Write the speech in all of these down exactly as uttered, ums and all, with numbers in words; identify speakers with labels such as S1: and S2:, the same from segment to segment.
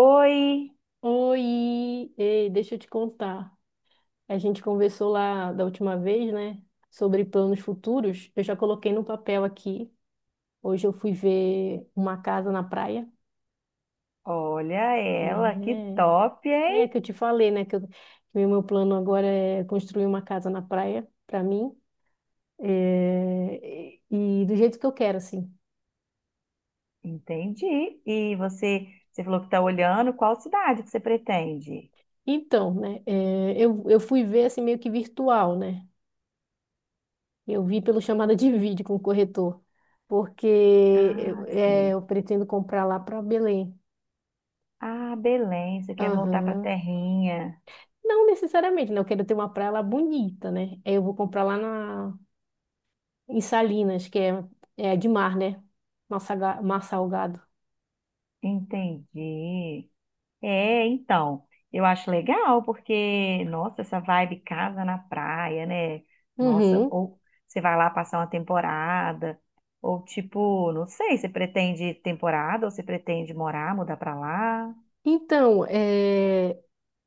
S1: Oi,
S2: Oi, ei, deixa eu te contar. A gente conversou lá da última vez, né, sobre planos futuros. Eu já coloquei no papel aqui. Hoje eu fui ver uma casa na praia.
S1: olha ela, que
S2: É,
S1: top, hein?
S2: é que eu te falei, né, que, eu- que o meu plano agora é construir uma casa na praia para mim, é, e e do jeito que eu quero, assim.
S1: Entendi. E você, você falou que está olhando, qual cidade que você pretende?
S2: Então, né, é, eu, eu fui ver assim meio que virtual, né? Eu vi pelo chamada de vídeo com o corretor, porque eu,
S1: Ah,
S2: é,
S1: sim.
S2: eu pretendo comprar lá para Belém.
S1: Ah, Belém, você quer voltar para a
S2: Aham.
S1: terrinha.
S2: Não necessariamente, né? Eu quero ter uma praia lá bonita, né? Aí eu vou comprar lá na, Em Salinas, que é, é de mar, né? Mar, saga- mar salgado.
S1: Entendi. É, então, eu acho legal porque, nossa, essa vibe casa na praia, né? Nossa,
S2: Uhum.
S1: ou você vai lá passar uma temporada, ou tipo, não sei, você pretende temporada ou você pretende morar, mudar para lá?
S2: Então, é,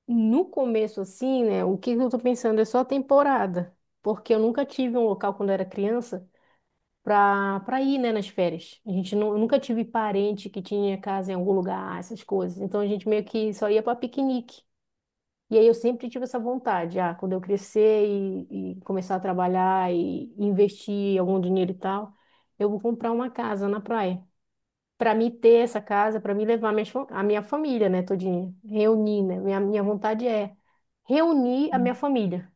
S2: no começo, assim, né, o que eu tô pensando é só a temporada, porque eu nunca tive um local quando eu era criança pra, pra ir, né, nas férias. A gente nu- nunca tive parente que tinha casa em algum lugar, ah, essas coisas. Então a gente meio que só ia para piquenique. E aí eu sempre tive essa vontade, ah, quando eu crescer e, e começar a trabalhar e investir algum dinheiro e tal, eu vou comprar uma casa na praia. Para mim ter essa casa, para mim levar minhas, fa- a minha família, né, todinha, reunir, né? Minha, minha vontade é reunir a minha família.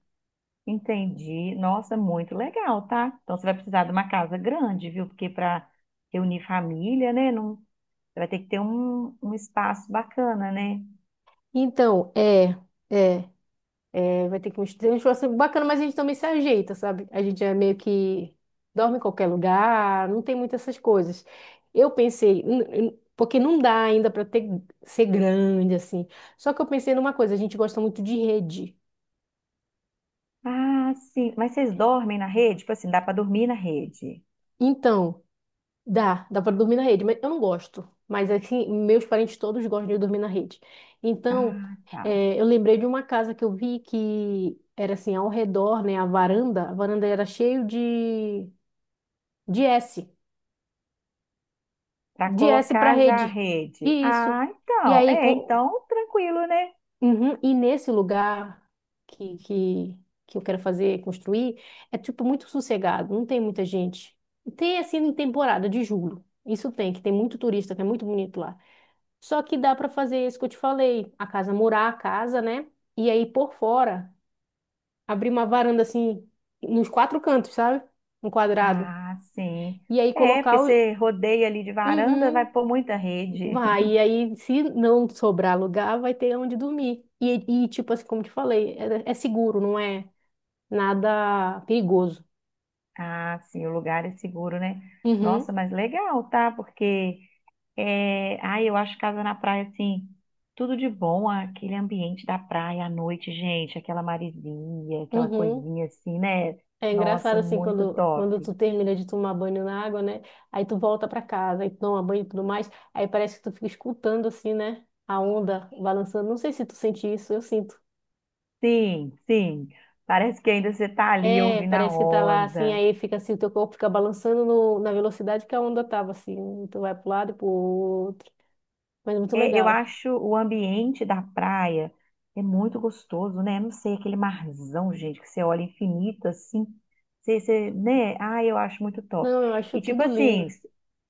S1: Entendi. Nossa, muito legal, tá? Então você vai precisar de uma casa grande, viu? Porque para reunir família, né? Não... Você vai ter que ter um, um espaço bacana, né?
S2: Então, é, é. É, vai ter que mostrar um esforço bacana, mas a gente também se ajeita, sabe? A gente é meio que dorme em qualquer lugar, não tem muitas essas coisas. Eu pensei, n- n- Porque não dá ainda para ter ser grande assim. Só que eu pensei numa coisa, a gente gosta muito de rede.
S1: Ah, sim. Mas vocês dormem na rede? Tipo assim, dá para dormir na rede?
S2: Então, dá, dá para dormir na rede, mas eu não gosto. Mas assim, meus parentes todos gostam de dormir na rede. Então,
S1: Ah, tá.
S2: eh, eu lembrei de uma casa que eu vi que era assim, ao redor, né, a varanda, a varanda era cheio de de S.
S1: Para
S2: De S para
S1: colocar já a
S2: rede.
S1: rede.
S2: E Isso.
S1: Ah,
S2: E
S1: então.
S2: aí,
S1: É,
S2: com...
S1: então tranquilo, né?
S2: Uhum. E nesse lugar que, que, que eu quero fazer, construir, é tipo muito sossegado, não tem muita gente. Tem assim em temporada de julho. Isso tem, que tem muito turista, que é muito bonito lá. Só que dá para fazer isso que eu te falei, a casa murar a casa, né? E aí por fora, abrir uma varanda assim nos quatro cantos, sabe? Um quadrado.
S1: Ah, sim.
S2: E aí
S1: É, porque
S2: colocar o...
S1: você rodeia ali de varanda, vai
S2: Uhum.
S1: pôr muita rede.
S2: Vai, e aí, se não sobrar lugar, vai ter onde dormir. E, e tipo assim, como te falei, é, é seguro, não é nada perigoso.
S1: Ah, sim, o lugar é seguro, né?
S2: Uhum,
S1: Nossa, mas legal, tá? Porque é, ai, eu acho casa na praia, assim, tudo de bom, aquele ambiente da praia à noite, gente, aquela maresia, aquela
S2: uhum.
S1: coisinha assim, né?
S2: É
S1: Nossa,
S2: engraçado assim,
S1: muito
S2: quando, quando
S1: top.
S2: tu termina de tomar banho na água, né? Aí tu volta pra casa, aí tu toma banho e tudo mais. Aí parece que tu fica escutando assim, né, a onda balançando. Não sei se tu sente isso, eu sinto.
S1: Sim, sim, parece que ainda você tá ali
S2: É,
S1: ouvindo a
S2: parece que tá lá assim,
S1: onda.
S2: aí fica assim, o teu corpo fica balançando no- na velocidade que a onda tava assim. Tu vai pro lado e pro outro. Mas é muito
S1: É, eu
S2: legal.
S1: acho o ambiente da praia é muito gostoso, né? Não sei, aquele marzão, gente, que você olha infinito assim, você, você, né? Ah, eu acho muito top.
S2: Não, eu acho
S1: E tipo
S2: tudo
S1: assim,
S2: lindo.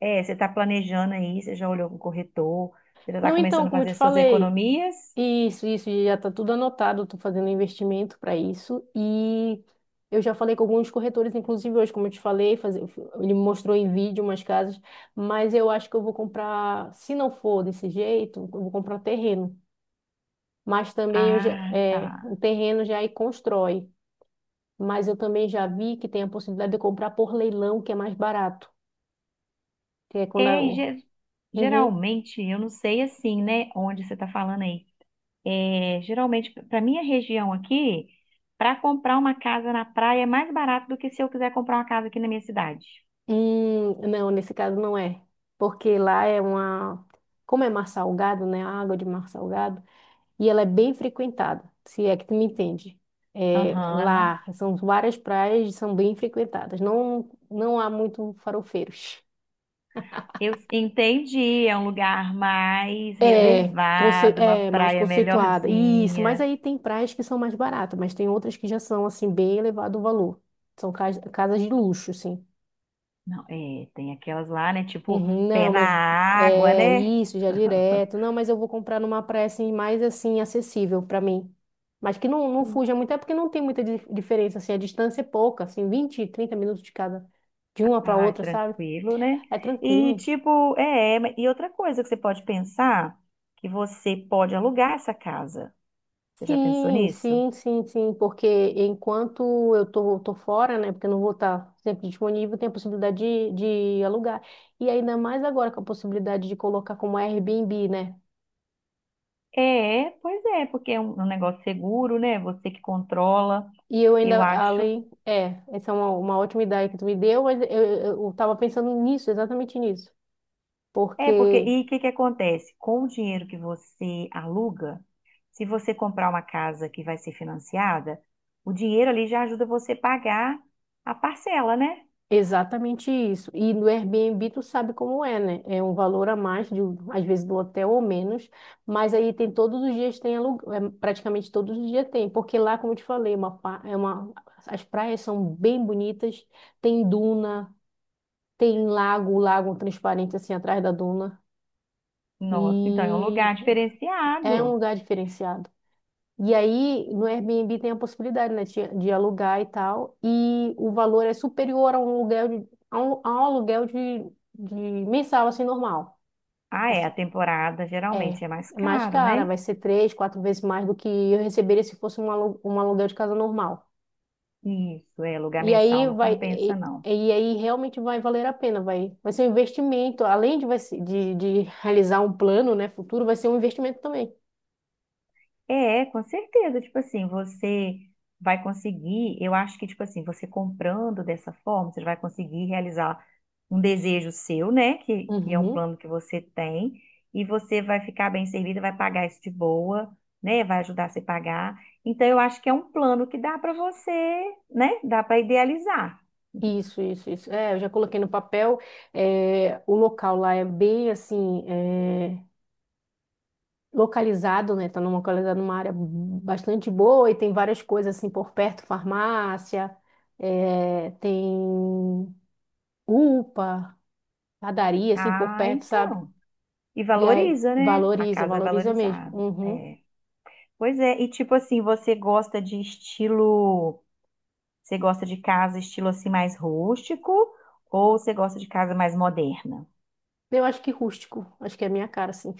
S1: é, você tá planejando aí, você já olhou com o corretor, você já tá
S2: Não, então,
S1: começando a
S2: como eu te
S1: fazer suas
S2: falei,
S1: economias?
S2: isso, isso, já está tudo anotado. Estou fazendo investimento para isso e eu já falei com alguns corretores, inclusive hoje, como eu te falei, fazer, ele me mostrou em vídeo umas casas, mas eu acho que eu vou comprar, se não for desse jeito, eu vou comprar terreno. Mas também eu já,
S1: Ah,
S2: é, O
S1: tá.
S2: terreno já aí constrói, mas eu também já vi que tem a possibilidade de comprar por leilão, que é mais barato, que é quando a...
S1: É, e ge-
S2: Uhum.
S1: geralmente, eu não sei assim, né? Onde você tá falando aí. É, geralmente, para minha região aqui, para comprar uma casa na praia é mais barato do que se eu quiser comprar uma casa aqui na minha cidade.
S2: Hum, não, nesse caso não é. Porque lá é uma. Como é mar salgado, né? A água de mar salgado. E ela é bem frequentada, se é que tu me entende. É,
S1: Aham.
S2: lá são várias praias e são bem frequentadas. Não, não há muito farofeiros.
S1: Eu entendi, é um lugar mais
S2: É, conce-
S1: reservado, uma
S2: é mais
S1: praia
S2: conceituada. Isso, mas
S1: melhorzinha.
S2: aí tem praias que são mais baratas, mas tem outras que já são, assim, bem elevado o valor. São cas- casas de luxo, assim.
S1: Não, é, tem aquelas lá, né? Tipo,
S2: Uhum,
S1: pé
S2: não,
S1: na
S2: mas
S1: água,
S2: é
S1: né?
S2: isso, já é direto. Não, mas eu vou comprar numa praia assim, mais assim, acessível para mim. Mas que não, não fuja muito, é porque não tem muita di- diferença, assim, a distância é pouca, assim, vinte, trinta minutos de cada, de uma para
S1: Ah,
S2: outra, sabe?
S1: tranquilo, né?
S2: É
S1: E
S2: tranquilo.
S1: tipo, é, é, e outra coisa que você pode pensar, que você pode alugar essa casa. Você já pensou
S2: Sim,
S1: nisso?
S2: sim, sim, sim, porque enquanto eu tô, tô fora, né, porque eu não vou estar sempre disponível, tem a possibilidade de, de alugar. E ainda mais agora com a possibilidade de colocar como Airbnb, né?
S1: É, pois é, porque é um um negócio seguro, né? Você que controla,
S2: E eu
S1: eu
S2: ainda,
S1: acho.
S2: além, é, Essa é uma, uma ótima ideia que tu me deu, mas eu, eu, eu tava pensando nisso, exatamente nisso.
S1: É, porque,
S2: Porque,
S1: e o que que acontece? Com o dinheiro que você aluga, se você comprar uma casa que vai ser financiada, o dinheiro ali já ajuda você a pagar a parcela, né?
S2: exatamente isso. E no Airbnb tu sabe como é, né? É um valor a mais, de, um- às vezes do hotel ou menos, mas aí tem todos os dias tem aluguel, é, praticamente todos os dias tem. Porque lá, como eu te falei, é uma, pa- é uma, as praias são bem bonitas, tem duna, tem lago, lago transparente assim atrás da duna.
S1: Nossa, então é um
S2: E
S1: lugar
S2: é um
S1: diferenciado.
S2: lugar diferenciado. E aí, no Airbnb tem a possibilidade, né, de, de alugar e tal, e o valor é superior a um aluguel de, a um, a um aluguel de, de mensal, assim, normal.
S1: Ah, é, a
S2: Assim,
S1: temporada
S2: é, é
S1: geralmente é mais
S2: mais
S1: caro,
S2: cara,
S1: né?
S2: vai ser três, quatro vezes mais do que eu receberia se fosse um, alu, um aluguel de casa normal.
S1: Isso, é, lugar
S2: E aí
S1: mensal não
S2: vai,
S1: compensa,
S2: e,
S1: não.
S2: e aí realmente vai valer a pena, vai, vai ser um investimento, além de, vai ser- de, de realizar um plano, né, futuro, vai ser um investimento também.
S1: É, com certeza. Tipo assim, você vai conseguir, eu acho que, tipo assim, você comprando dessa forma, você vai conseguir realizar um desejo seu, né? Que, que é um
S2: Uhum.
S1: plano que você tem, e você vai ficar bem servida, vai pagar isso de boa, né? Vai ajudar você a pagar. Então, eu acho que é um plano que dá para você, né? Dá para idealizar.
S2: Isso, isso, isso. É, eu já coloquei no papel. É, o local lá é bem assim, é, localizado, né? Tá numa- localizado numa área bastante boa e tem várias coisas assim por perto, farmácia, é, tem UPA, padaria assim por
S1: Ah,
S2: perto, sabe?
S1: então. E
S2: E aí,
S1: valoriza, né? A
S2: valoriza,
S1: casa é
S2: valoriza mesmo.
S1: valorizada.
S2: Uhum.
S1: É. Pois é, e tipo assim, você gosta de estilo. Você gosta de casa estilo assim mais rústico ou você gosta de casa mais moderna?
S2: Eu acho que rústico, acho que é a minha cara, assim.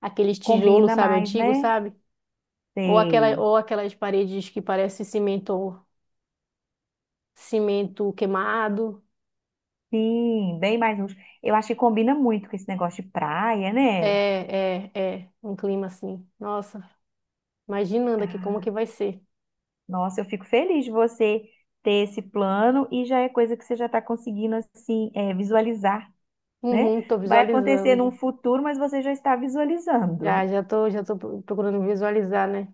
S2: Aqueles tijolos,
S1: Combina
S2: sabe,
S1: mais,
S2: antigo,
S1: né?
S2: sabe? Ou aquela,
S1: Sei.
S2: ou aquelas paredes que parece cimento, cimento queimado.
S1: Sim, bem mais rústico. Eu acho que combina muito com esse negócio de praia,
S2: É,
S1: né?
S2: é, é, um clima assim. Nossa, imaginando aqui como
S1: Ah,
S2: que vai ser.
S1: nossa, eu fico feliz de você ter esse plano e já é coisa que você já está conseguindo assim é, visualizar, né?
S2: Uhum, tô
S1: Vai acontecer num
S2: visualizando.
S1: futuro, mas você já está
S2: Já,
S1: visualizando.
S2: já tô, já tô pro- procurando visualizar, né?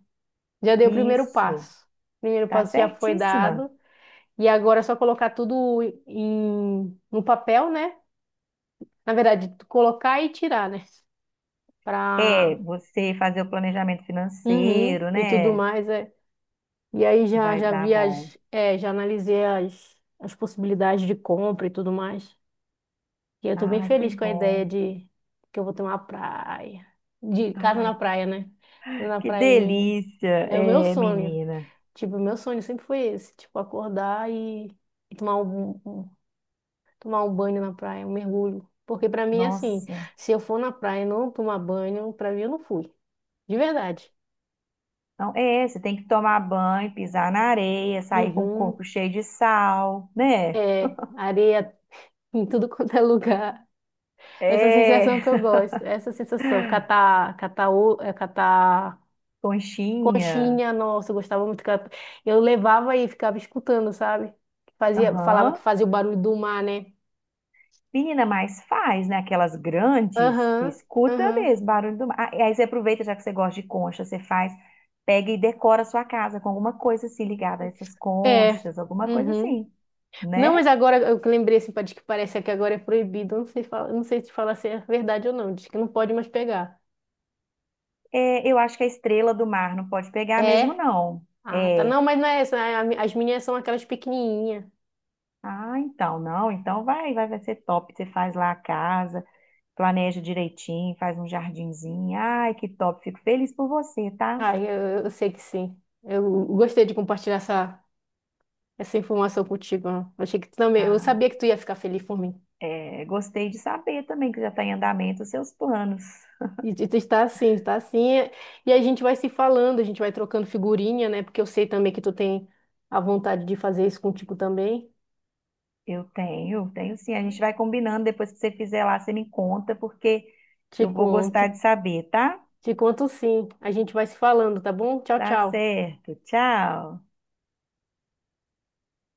S2: Já dei o primeiro
S1: Isso,
S2: passo. O primeiro
S1: tá
S2: passo já foi
S1: certíssima.
S2: dado. E agora é só colocar tudo em, no papel, né? Na verdade, tu colocar e tirar, né?
S1: É,
S2: Pra,
S1: você fazer o planejamento
S2: uhum,
S1: financeiro,
S2: e tudo
S1: né?
S2: mais, é. E aí já,
S1: Vai
S2: já
S1: dar
S2: vi
S1: bom.
S2: as, é, já analisei as, as possibilidades de compra e tudo mais. E eu tô bem
S1: Ai, que
S2: feliz com a ideia
S1: bom.
S2: de que eu vou ter uma praia. De casa na
S1: Ai,
S2: praia, né? Casa Na
S1: que
S2: praia em-
S1: delícia,
S2: É o meu
S1: é,
S2: sonho.
S1: menina.
S2: Tipo, o meu sonho sempre foi esse. Tipo, acordar e, e tomar um, um- tomar um banho na praia, um mergulho. Porque pra mim, é assim,
S1: Nossa.
S2: se eu for na praia e não tomar banho, pra mim eu não fui. De verdade.
S1: Então, é, você tem que tomar banho, pisar na areia, sair com o
S2: Uhum.
S1: corpo cheio de sal, né?
S2: É, areia em tudo quanto é lugar. Essa
S1: É,
S2: sensação que eu gosto. Essa sensação, catar, catar, o- é, catar
S1: conchinha.
S2: conchinha, nossa, eu gostava muito. que ela- Eu levava e ficava escutando, sabe? Fazia, falava que
S1: Aham.
S2: fazia o barulho do mar, né?
S1: Menina, mas faz, né? Aquelas grandes, você
S2: Aham,
S1: escuta
S2: aham.
S1: mesmo barulho do mar. Ah, e aí você aproveita, já que você gosta de concha, você faz, pega e decora a sua casa com alguma coisa assim ligada a essas
S2: É.
S1: conchas, alguma coisa
S2: Uhum.
S1: assim,
S2: Não,
S1: né?
S2: mas agora eu que lembrei assim, pá, diz que parece que agora é proibido. Eu não sei, fala- eu não sei se falar se é verdade ou não. Diz que não pode mais pegar.
S1: É, eu acho que a estrela do mar não pode pegar mesmo,
S2: É?
S1: não.
S2: Ah, tá.
S1: É.
S2: Não, mas não é essa. a- a- As minhas são aquelas pequenininhas.
S1: Ah, então, não. Então vai, vai, vai ser top. Você faz lá a casa, planeja direitinho, faz um jardinzinho. Ai, que top. Fico feliz por você, tá?
S2: Ah, eu, eu sei que sim. Eu gostei de compartilhar essa, essa informação contigo, ó. Achei que tu também. Eu
S1: Ah,
S2: sabia que tu ia ficar feliz por mim.
S1: é, gostei de saber também que já está em andamento os seus planos.
S2: E e está assim, está assim, é. E a gente vai se falando, a gente vai trocando figurinha, né? Porque eu sei também que tu tem a vontade de fazer isso contigo também.
S1: Eu tenho, tenho sim. A gente vai combinando. Depois que você fizer lá, você me conta, porque
S2: Te
S1: eu vou gostar
S2: conto.
S1: de saber, tá?
S2: Te conto sim. A gente vai se falando, tá bom? Tchau,
S1: Tá
S2: tchau.
S1: certo. Tchau.